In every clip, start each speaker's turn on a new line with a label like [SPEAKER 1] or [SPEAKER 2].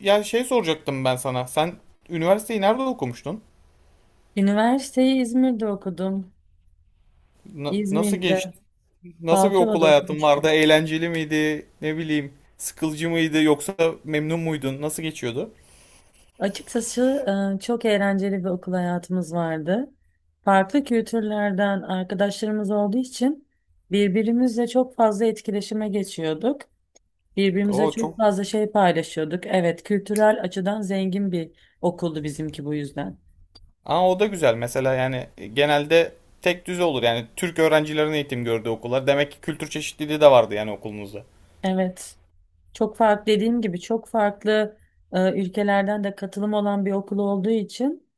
[SPEAKER 1] Ya şey soracaktım ben sana. Sen üniversiteyi nerede okumuştun?
[SPEAKER 2] Üniversiteyi İzmir'de okudum.
[SPEAKER 1] Nasıl geçti?
[SPEAKER 2] İzmir'de,
[SPEAKER 1] Nasıl bir okul
[SPEAKER 2] Balçova'da
[SPEAKER 1] hayatın vardı?
[SPEAKER 2] okumuştum.
[SPEAKER 1] Eğlenceli miydi? Ne bileyim, sıkılcı mıydı yoksa memnun muydun? Nasıl geçiyordu?
[SPEAKER 2] Açıkçası çok eğlenceli bir okul hayatımız vardı. Farklı kültürlerden arkadaşlarımız olduğu için birbirimizle çok fazla etkileşime geçiyorduk. Birbirimize
[SPEAKER 1] O
[SPEAKER 2] çok
[SPEAKER 1] çok.
[SPEAKER 2] fazla şey paylaşıyorduk. Evet, kültürel açıdan zengin bir okuldu bizimki bu yüzden.
[SPEAKER 1] Aa, o da güzel. Mesela yani genelde tek düze olur. Yani Türk öğrencilerin eğitim gördüğü okullar. Demek ki kültür çeşitliliği de vardı yani okulunuzda.
[SPEAKER 2] Evet. Çok farklı dediğim gibi çok farklı ülkelerden de katılım olan bir okul olduğu için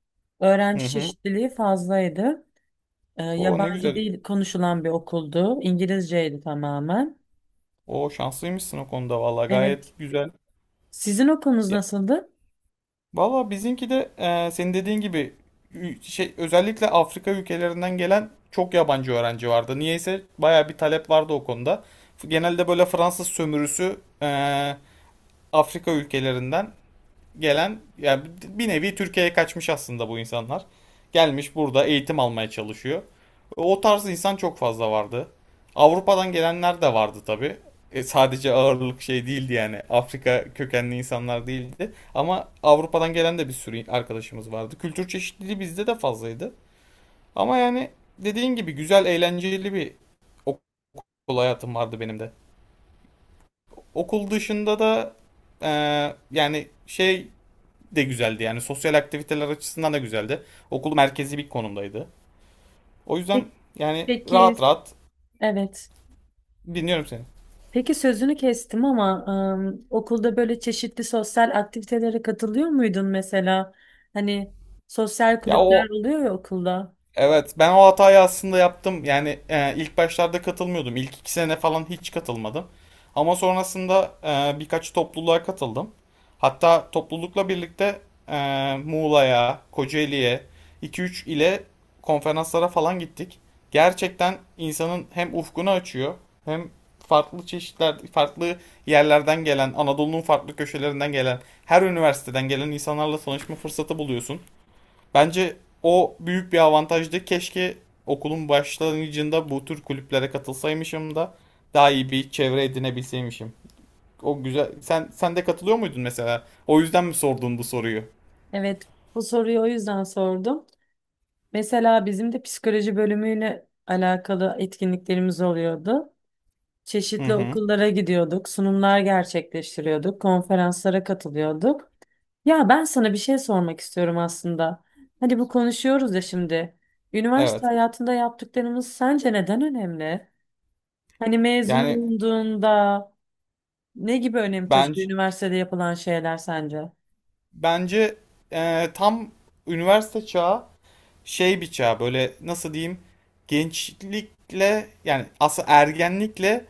[SPEAKER 1] Hı
[SPEAKER 2] öğrenci
[SPEAKER 1] hı.
[SPEAKER 2] çeşitliliği fazlaydı.
[SPEAKER 1] O ne
[SPEAKER 2] Yabancı
[SPEAKER 1] güzel.
[SPEAKER 2] dil konuşulan bir okuldu. İngilizceydi tamamen.
[SPEAKER 1] O şanslıymışsın o konuda, vallahi
[SPEAKER 2] Evet.
[SPEAKER 1] gayet güzel.
[SPEAKER 2] Sizin okulunuz nasıldı?
[SPEAKER 1] Valla bizimki de senin dediğin gibi şey özellikle Afrika ülkelerinden gelen çok yabancı öğrenci vardı. Niyeyse baya bir talep vardı o konuda. Genelde böyle Fransız sömürüsü e, Afrika ülkelerinden gelen yani bir nevi Türkiye'ye kaçmış aslında bu insanlar. Gelmiş burada eğitim almaya çalışıyor. O tarz insan çok fazla vardı. Avrupa'dan gelenler de vardı tabii. Sadece ağırlık şey değildi yani. Afrika kökenli insanlar değildi. Ama Avrupa'dan gelen de bir sürü arkadaşımız vardı. Kültür çeşitliliği bizde de fazlaydı. Ama yani dediğin gibi güzel, eğlenceli bir okul hayatım vardı benim de. Okul dışında da e, yani şey de güzeldi, yani sosyal aktiviteler açısından da güzeldi. Okul merkezi bir konumdaydı. O yüzden
[SPEAKER 2] Peki.
[SPEAKER 1] yani
[SPEAKER 2] Peki,
[SPEAKER 1] rahat rahat
[SPEAKER 2] evet.
[SPEAKER 1] dinliyorum seni.
[SPEAKER 2] Peki sözünü kestim ama okulda böyle çeşitli sosyal aktivitelere katılıyor muydun mesela? Hani sosyal
[SPEAKER 1] Ya
[SPEAKER 2] kulüpler
[SPEAKER 1] o
[SPEAKER 2] oluyor ya okulda.
[SPEAKER 1] Evet, ben o hatayı aslında yaptım. Yani ilk başlarda katılmıyordum. İlk 2 sene falan hiç katılmadım. Ama sonrasında birkaç topluluğa katıldım. Hatta toplulukla birlikte Muğla'ya, Kocaeli'ye, 2-3 ile konferanslara falan gittik. Gerçekten insanın hem ufkunu açıyor, hem farklı çeşitler, farklı yerlerden gelen, Anadolu'nun farklı köşelerinden gelen, her üniversiteden gelen insanlarla tanışma fırsatı buluyorsun. Bence o büyük bir avantajdı. Keşke okulun başlangıcında bu tür kulüplere katılsaymışım da daha iyi bir çevre edinebilseymişim. O güzel. Sen de katılıyor muydun mesela? O yüzden mi sordun bu soruyu?
[SPEAKER 2] Evet, bu soruyu o yüzden sordum. Mesela bizim de psikoloji bölümüyle alakalı etkinliklerimiz oluyordu.
[SPEAKER 1] Hı
[SPEAKER 2] Çeşitli
[SPEAKER 1] hı.
[SPEAKER 2] okullara gidiyorduk, sunumlar gerçekleştiriyorduk, konferanslara katılıyorduk. Ya ben sana bir şey sormak istiyorum aslında. Hani bu konuşuyoruz ya şimdi. Üniversite
[SPEAKER 1] Evet.
[SPEAKER 2] hayatında yaptıklarımız sence neden önemli? Hani mezun
[SPEAKER 1] Yani
[SPEAKER 2] olunduğunda ne gibi önem taşıyor
[SPEAKER 1] bence
[SPEAKER 2] üniversitede yapılan şeyler sence?
[SPEAKER 1] bence tam üniversite çağı şey bıçağı böyle, nasıl diyeyim, gençlikle yani aslında ergenlikle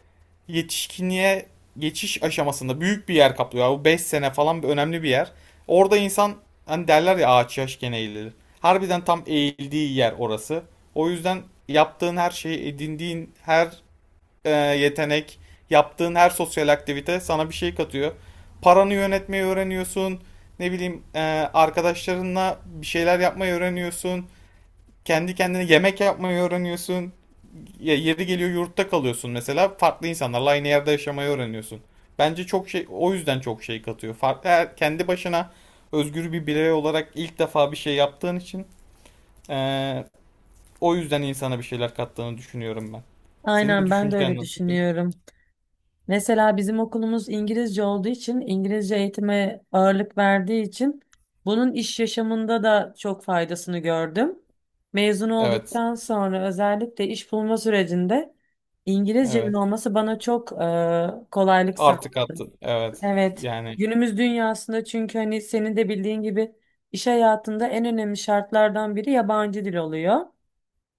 [SPEAKER 1] yetişkinliğe geçiş aşamasında büyük bir yer kaplıyor. Bu 5 sene falan bir önemli bir yer. Orada insan, hani derler ya, ağaç yaşken eğilir. Harbiden tam eğildiği yer orası. O yüzden yaptığın her şey, edindiğin her yetenek, yaptığın her sosyal aktivite sana bir şey katıyor. Paranı yönetmeyi öğreniyorsun. Ne bileyim arkadaşlarınla bir şeyler yapmayı öğreniyorsun. Kendi kendine yemek yapmayı öğreniyorsun. Ya yeri geliyor yurtta kalıyorsun mesela. Farklı insanlarla aynı yerde yaşamayı öğreniyorsun. Bence çok şey o yüzden çok şey katıyor. Farklı kendi başına özgür bir birey olarak ilk defa bir şey yaptığın için eee, o yüzden insana bir şeyler kattığını düşünüyorum ben. Senin
[SPEAKER 2] Aynen ben de
[SPEAKER 1] düşüncen
[SPEAKER 2] öyle
[SPEAKER 1] nasıl?
[SPEAKER 2] düşünüyorum. Mesela bizim okulumuz İngilizce olduğu için, İngilizce eğitime ağırlık verdiği için bunun iş yaşamında da çok faydasını gördüm. Mezun
[SPEAKER 1] Evet.
[SPEAKER 2] olduktan sonra özellikle iş bulma sürecinde İngilizcemin
[SPEAKER 1] Evet.
[SPEAKER 2] olması bana çok kolaylık sağladı.
[SPEAKER 1] Artık attı. Evet.
[SPEAKER 2] Evet,
[SPEAKER 1] Yani
[SPEAKER 2] günümüz dünyasında çünkü hani senin de bildiğin gibi iş hayatında en önemli şartlardan biri yabancı dil oluyor.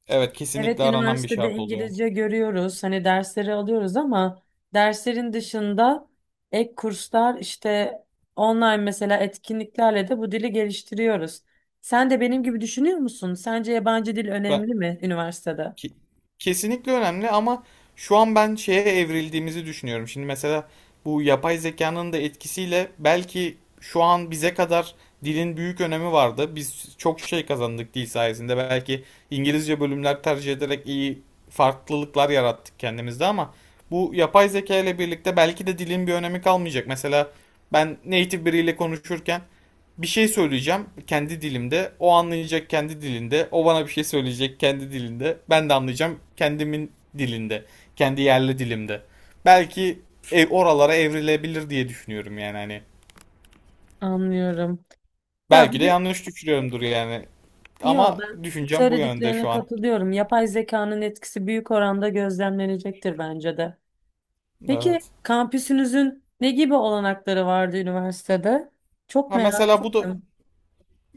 [SPEAKER 1] evet,
[SPEAKER 2] Evet,
[SPEAKER 1] kesinlikle aranan bir
[SPEAKER 2] üniversitede
[SPEAKER 1] şart oluyor.
[SPEAKER 2] İngilizce görüyoruz. Hani dersleri alıyoruz ama derslerin dışında ek kurslar işte online mesela etkinliklerle de bu dili geliştiriyoruz. Sen de benim gibi düşünüyor musun? Sence yabancı dil
[SPEAKER 1] Ben
[SPEAKER 2] önemli mi üniversitede?
[SPEAKER 1] Ki- Kesinlikle önemli ama şu an ben şeye evrildiğimizi düşünüyorum. Şimdi mesela bu yapay zekanın da etkisiyle belki şu an bize kadar dilin büyük önemi vardı. Biz çok şey kazandık dil sayesinde. Belki İngilizce bölümler tercih ederek iyi farklılıklar yarattık kendimizde ama bu yapay zeka ile birlikte belki de dilin bir önemi kalmayacak. Mesela ben native biriyle konuşurken bir şey söyleyeceğim kendi dilimde. O anlayacak kendi dilinde. O bana bir şey söyleyecek kendi dilinde. Ben de anlayacağım kendimin dilinde. Kendi yerli dilimde. Belki oralara evrilebilir diye düşünüyorum yani hani.
[SPEAKER 2] Anlıyorum. Ya
[SPEAKER 1] Belki de
[SPEAKER 2] bir de
[SPEAKER 1] yanlış düşünüyorumdur yani. Ama
[SPEAKER 2] ben
[SPEAKER 1] düşüncem bu yönde
[SPEAKER 2] söylediklerine
[SPEAKER 1] şu an.
[SPEAKER 2] katılıyorum. Yapay zekanın etkisi büyük oranda gözlemlenecektir bence de. Peki
[SPEAKER 1] Evet.
[SPEAKER 2] kampüsünüzün ne gibi olanakları vardı üniversitede? Çok
[SPEAKER 1] Ha,
[SPEAKER 2] merak
[SPEAKER 1] mesela bu da.
[SPEAKER 2] ettim.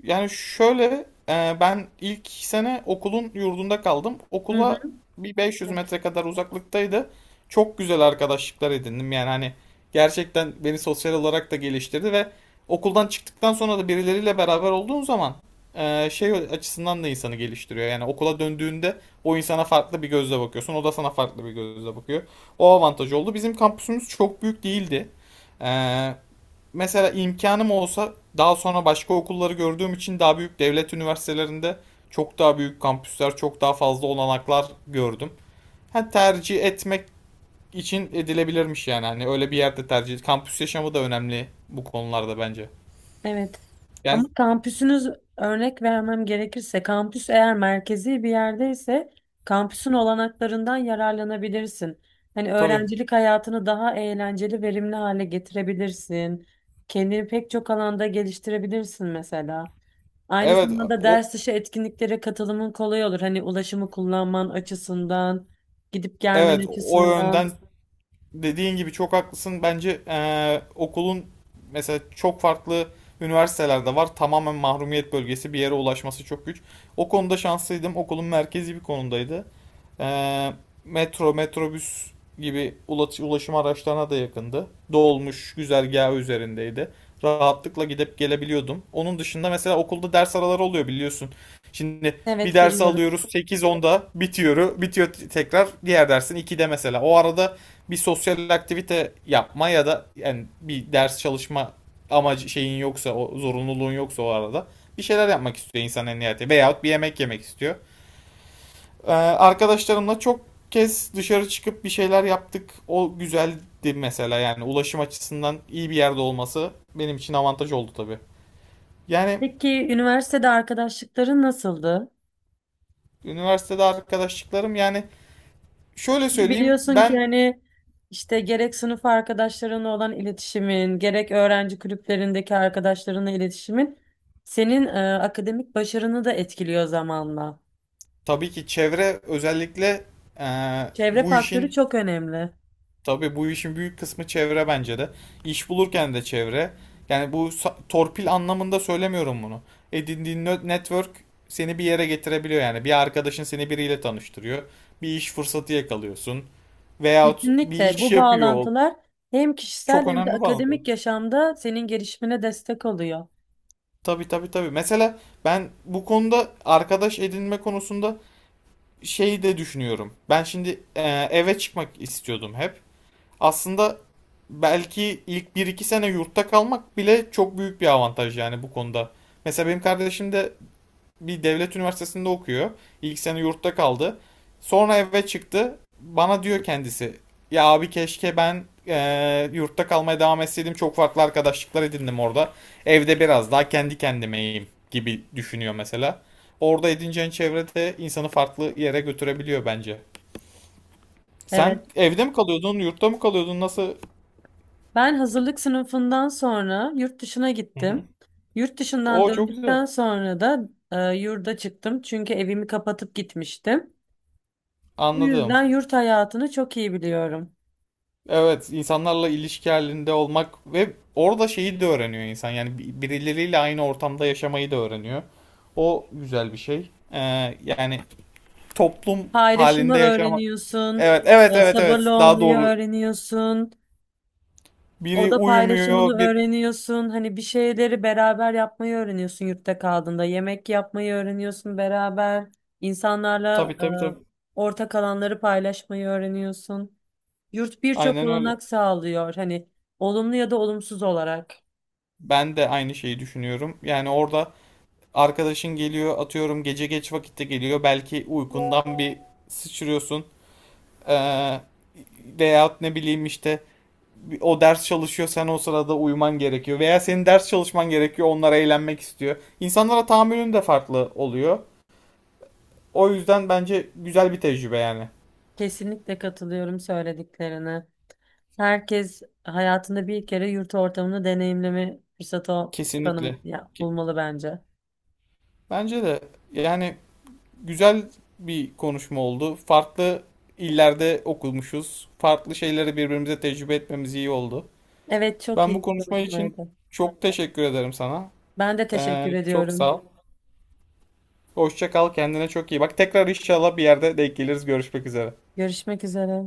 [SPEAKER 1] Yani şöyle, ben ilk sene okulun yurdunda kaldım. Okula
[SPEAKER 2] Hı.
[SPEAKER 1] bir 500
[SPEAKER 2] Evet.
[SPEAKER 1] metre kadar uzaklıktaydı. Çok güzel arkadaşlıklar edindim. Yani hani gerçekten beni sosyal olarak da geliştirdi ve okuldan çıktıktan sonra da birileriyle beraber olduğun zaman şey açısından da insanı geliştiriyor. Yani okula döndüğünde o insana farklı bir gözle bakıyorsun. O da sana farklı bir gözle bakıyor. O avantaj oldu. Bizim kampüsümüz çok büyük değildi. E, mesela imkanım olsa, daha sonra başka okulları gördüğüm için, daha büyük devlet üniversitelerinde çok daha büyük kampüsler, çok daha fazla olanaklar gördüm. Ha, tercih etmek için edilebilirmiş yani. Hani öyle bir yerde tercih. Kampüs yaşamı da önemli bu konularda bence.
[SPEAKER 2] Evet. Ama
[SPEAKER 1] Yani
[SPEAKER 2] kampüsünüz örnek vermem gerekirse kampüs eğer merkezi bir yerdeyse kampüsün olanaklarından yararlanabilirsin. Hani
[SPEAKER 1] tabii.
[SPEAKER 2] öğrencilik hayatını daha eğlenceli, verimli hale getirebilirsin. Kendini pek çok alanda geliştirebilirsin mesela. Aynı
[SPEAKER 1] Evet
[SPEAKER 2] zamanda
[SPEAKER 1] o
[SPEAKER 2] ders dışı etkinliklere katılımın kolay olur. Hani ulaşımı kullanman açısından, gidip
[SPEAKER 1] evet
[SPEAKER 2] gelmen
[SPEAKER 1] o
[SPEAKER 2] açısından.
[SPEAKER 1] yönden dediğin gibi çok haklısın. Bence okulun mesela çok farklı üniversitelerde var. Tamamen mahrumiyet bölgesi bir yere ulaşması çok güç. O konuda şanslıydım. Okulun merkezi bir konumdaydı. Eee, metro, metrobüs gibi ulaşım araçlarına da yakındı. Dolmuş güzergahı üzerindeydi. Rahatlıkla gidip gelebiliyordum. Onun dışında mesela okulda ders araları oluyor biliyorsun. Şimdi bir
[SPEAKER 2] Evet,
[SPEAKER 1] dersi
[SPEAKER 2] biliyorum.
[SPEAKER 1] alıyoruz sekiz onda bitiyor, tekrar diğer dersin 2'de mesela. O arada bir sosyal aktivite yapma ya da yani bir ders çalışma amacı şeyin yoksa, o zorunluluğun yoksa, o arada bir şeyler yapmak istiyor insan en nihayetinde veyahut bir yemek yemek istiyor. Arkadaşlarımla çok kez dışarı çıkıp bir şeyler yaptık. O güzeldi mesela, yani ulaşım açısından iyi bir yerde olması benim için avantaj oldu tabii. Yani
[SPEAKER 2] Peki üniversitede arkadaşlıkların nasıldı?
[SPEAKER 1] üniversitede arkadaşlıklarım, yani şöyle
[SPEAKER 2] Çünkü
[SPEAKER 1] söyleyeyim,
[SPEAKER 2] biliyorsun ki
[SPEAKER 1] ben
[SPEAKER 2] hani işte gerek sınıf arkadaşlarınla olan iletişimin, gerek öğrenci kulüplerindeki arkadaşlarınla iletişimin senin akademik başarını da etkiliyor zamanla.
[SPEAKER 1] tabii ki çevre özellikle e,
[SPEAKER 2] Çevre
[SPEAKER 1] bu
[SPEAKER 2] faktörü
[SPEAKER 1] işin
[SPEAKER 2] çok önemli.
[SPEAKER 1] Tabii, bu işin büyük kısmı çevre bence de. İş bulurken de çevre. Yani bu torpil anlamında söylemiyorum bunu. Edindiğin network seni bir yere getirebiliyor yani. Bir arkadaşın seni biriyle tanıştırıyor. Bir iş fırsatı yakalıyorsun. Veyahut bir
[SPEAKER 2] Kesinlikle
[SPEAKER 1] iş
[SPEAKER 2] bu
[SPEAKER 1] yapıyor.
[SPEAKER 2] bağlantılar hem kişisel
[SPEAKER 1] Çok
[SPEAKER 2] hem de
[SPEAKER 1] önemli bana da.
[SPEAKER 2] akademik yaşamda senin gelişimine destek oluyor.
[SPEAKER 1] Tabii, tabii, tabii. Mesela ben bu konuda, arkadaş edinme konusunda, şeyi de düşünüyorum. Ben şimdi eve çıkmak istiyordum hep. Aslında belki ilk bir iki sene yurtta kalmak bile çok büyük bir avantaj, yani bu konuda. Mesela benim kardeşim de bir devlet üniversitesinde okuyor. İlk sene yurtta kaldı. Sonra eve çıktı. Bana diyor kendisi. Ya abi, keşke ben yurtta kalmaya devam etseydim. Çok farklı arkadaşlıklar edindim orada. Evde biraz daha kendi kendimeyim gibi düşünüyor mesela. Orada edineceğin çevrede insanı farklı yere götürebiliyor bence. Sen
[SPEAKER 2] Evet.
[SPEAKER 1] evde mi kalıyordun, yurtta mı kalıyordun, nasıl?
[SPEAKER 2] Ben hazırlık sınıfından sonra yurt dışına
[SPEAKER 1] Hı hı.
[SPEAKER 2] gittim. Yurt dışından
[SPEAKER 1] O çok güzel.
[SPEAKER 2] döndükten sonra da yurda çıktım. Çünkü evimi kapatıp gitmiştim. Bu
[SPEAKER 1] Anladım.
[SPEAKER 2] yüzden yurt hayatını çok iyi biliyorum.
[SPEAKER 1] Evet, insanlarla ilişki halinde olmak ve orada şeyi de öğreniyor insan. Yani birileriyle aynı ortamda yaşamayı da öğreniyor. O güzel bir şey. Yani toplum
[SPEAKER 2] Paylaşımı
[SPEAKER 1] halinde yaşamak.
[SPEAKER 2] öğreniyorsun,
[SPEAKER 1] Evet, evet, evet,
[SPEAKER 2] sabırlı
[SPEAKER 1] evet. Daha
[SPEAKER 2] olmayı
[SPEAKER 1] doğru.
[SPEAKER 2] öğreniyorsun,
[SPEAKER 1] Biri
[SPEAKER 2] oda paylaşımını
[SPEAKER 1] uyumuyor, bir...
[SPEAKER 2] öğreniyorsun. Hani bir şeyleri beraber yapmayı öğreniyorsun yurtta kaldığında. Yemek yapmayı öğreniyorsun beraber, insanlarla
[SPEAKER 1] Tabii, tabii, tabii.
[SPEAKER 2] ortak alanları paylaşmayı öğreniyorsun. Yurt birçok
[SPEAKER 1] Aynen öyle.
[SPEAKER 2] olanak sağlıyor. Hani olumlu ya da olumsuz olarak.
[SPEAKER 1] Ben de aynı şeyi düşünüyorum. Yani orada arkadaşın geliyor, atıyorum gece geç vakitte geliyor. Belki uykundan bir sıçrıyorsun. Ee, veyahut ne bileyim işte, o ders çalışıyor, sen o sırada uyuman gerekiyor veya senin ders çalışman gerekiyor, onlar eğlenmek istiyor. İnsanlara tahammülün de farklı oluyor. O yüzden bence güzel bir tecrübe yani.
[SPEAKER 2] Kesinlikle katılıyorum söylediklerine. Herkes hayatında bir kere yurt ortamını deneyimleme fırsatı
[SPEAKER 1] Kesinlikle.
[SPEAKER 2] tanım ya,
[SPEAKER 1] Ki-
[SPEAKER 2] bulmalı bence.
[SPEAKER 1] Bence de yani güzel bir konuşma oldu. Farklı illerde okumuşuz. Farklı şeyleri birbirimize tecrübe etmemiz iyi oldu.
[SPEAKER 2] Evet, çok
[SPEAKER 1] Ben bu
[SPEAKER 2] iyi bir
[SPEAKER 1] konuşma için
[SPEAKER 2] konuşmaydı.
[SPEAKER 1] çok teşekkür ederim sana.
[SPEAKER 2] Ben de
[SPEAKER 1] Ee,
[SPEAKER 2] teşekkür
[SPEAKER 1] çok
[SPEAKER 2] ediyorum.
[SPEAKER 1] sağ ol. Hoşça kal, kendine çok iyi bak. Tekrar inşallah bir yerde denk geliriz. Görüşmek üzere.
[SPEAKER 2] Görüşmek üzere.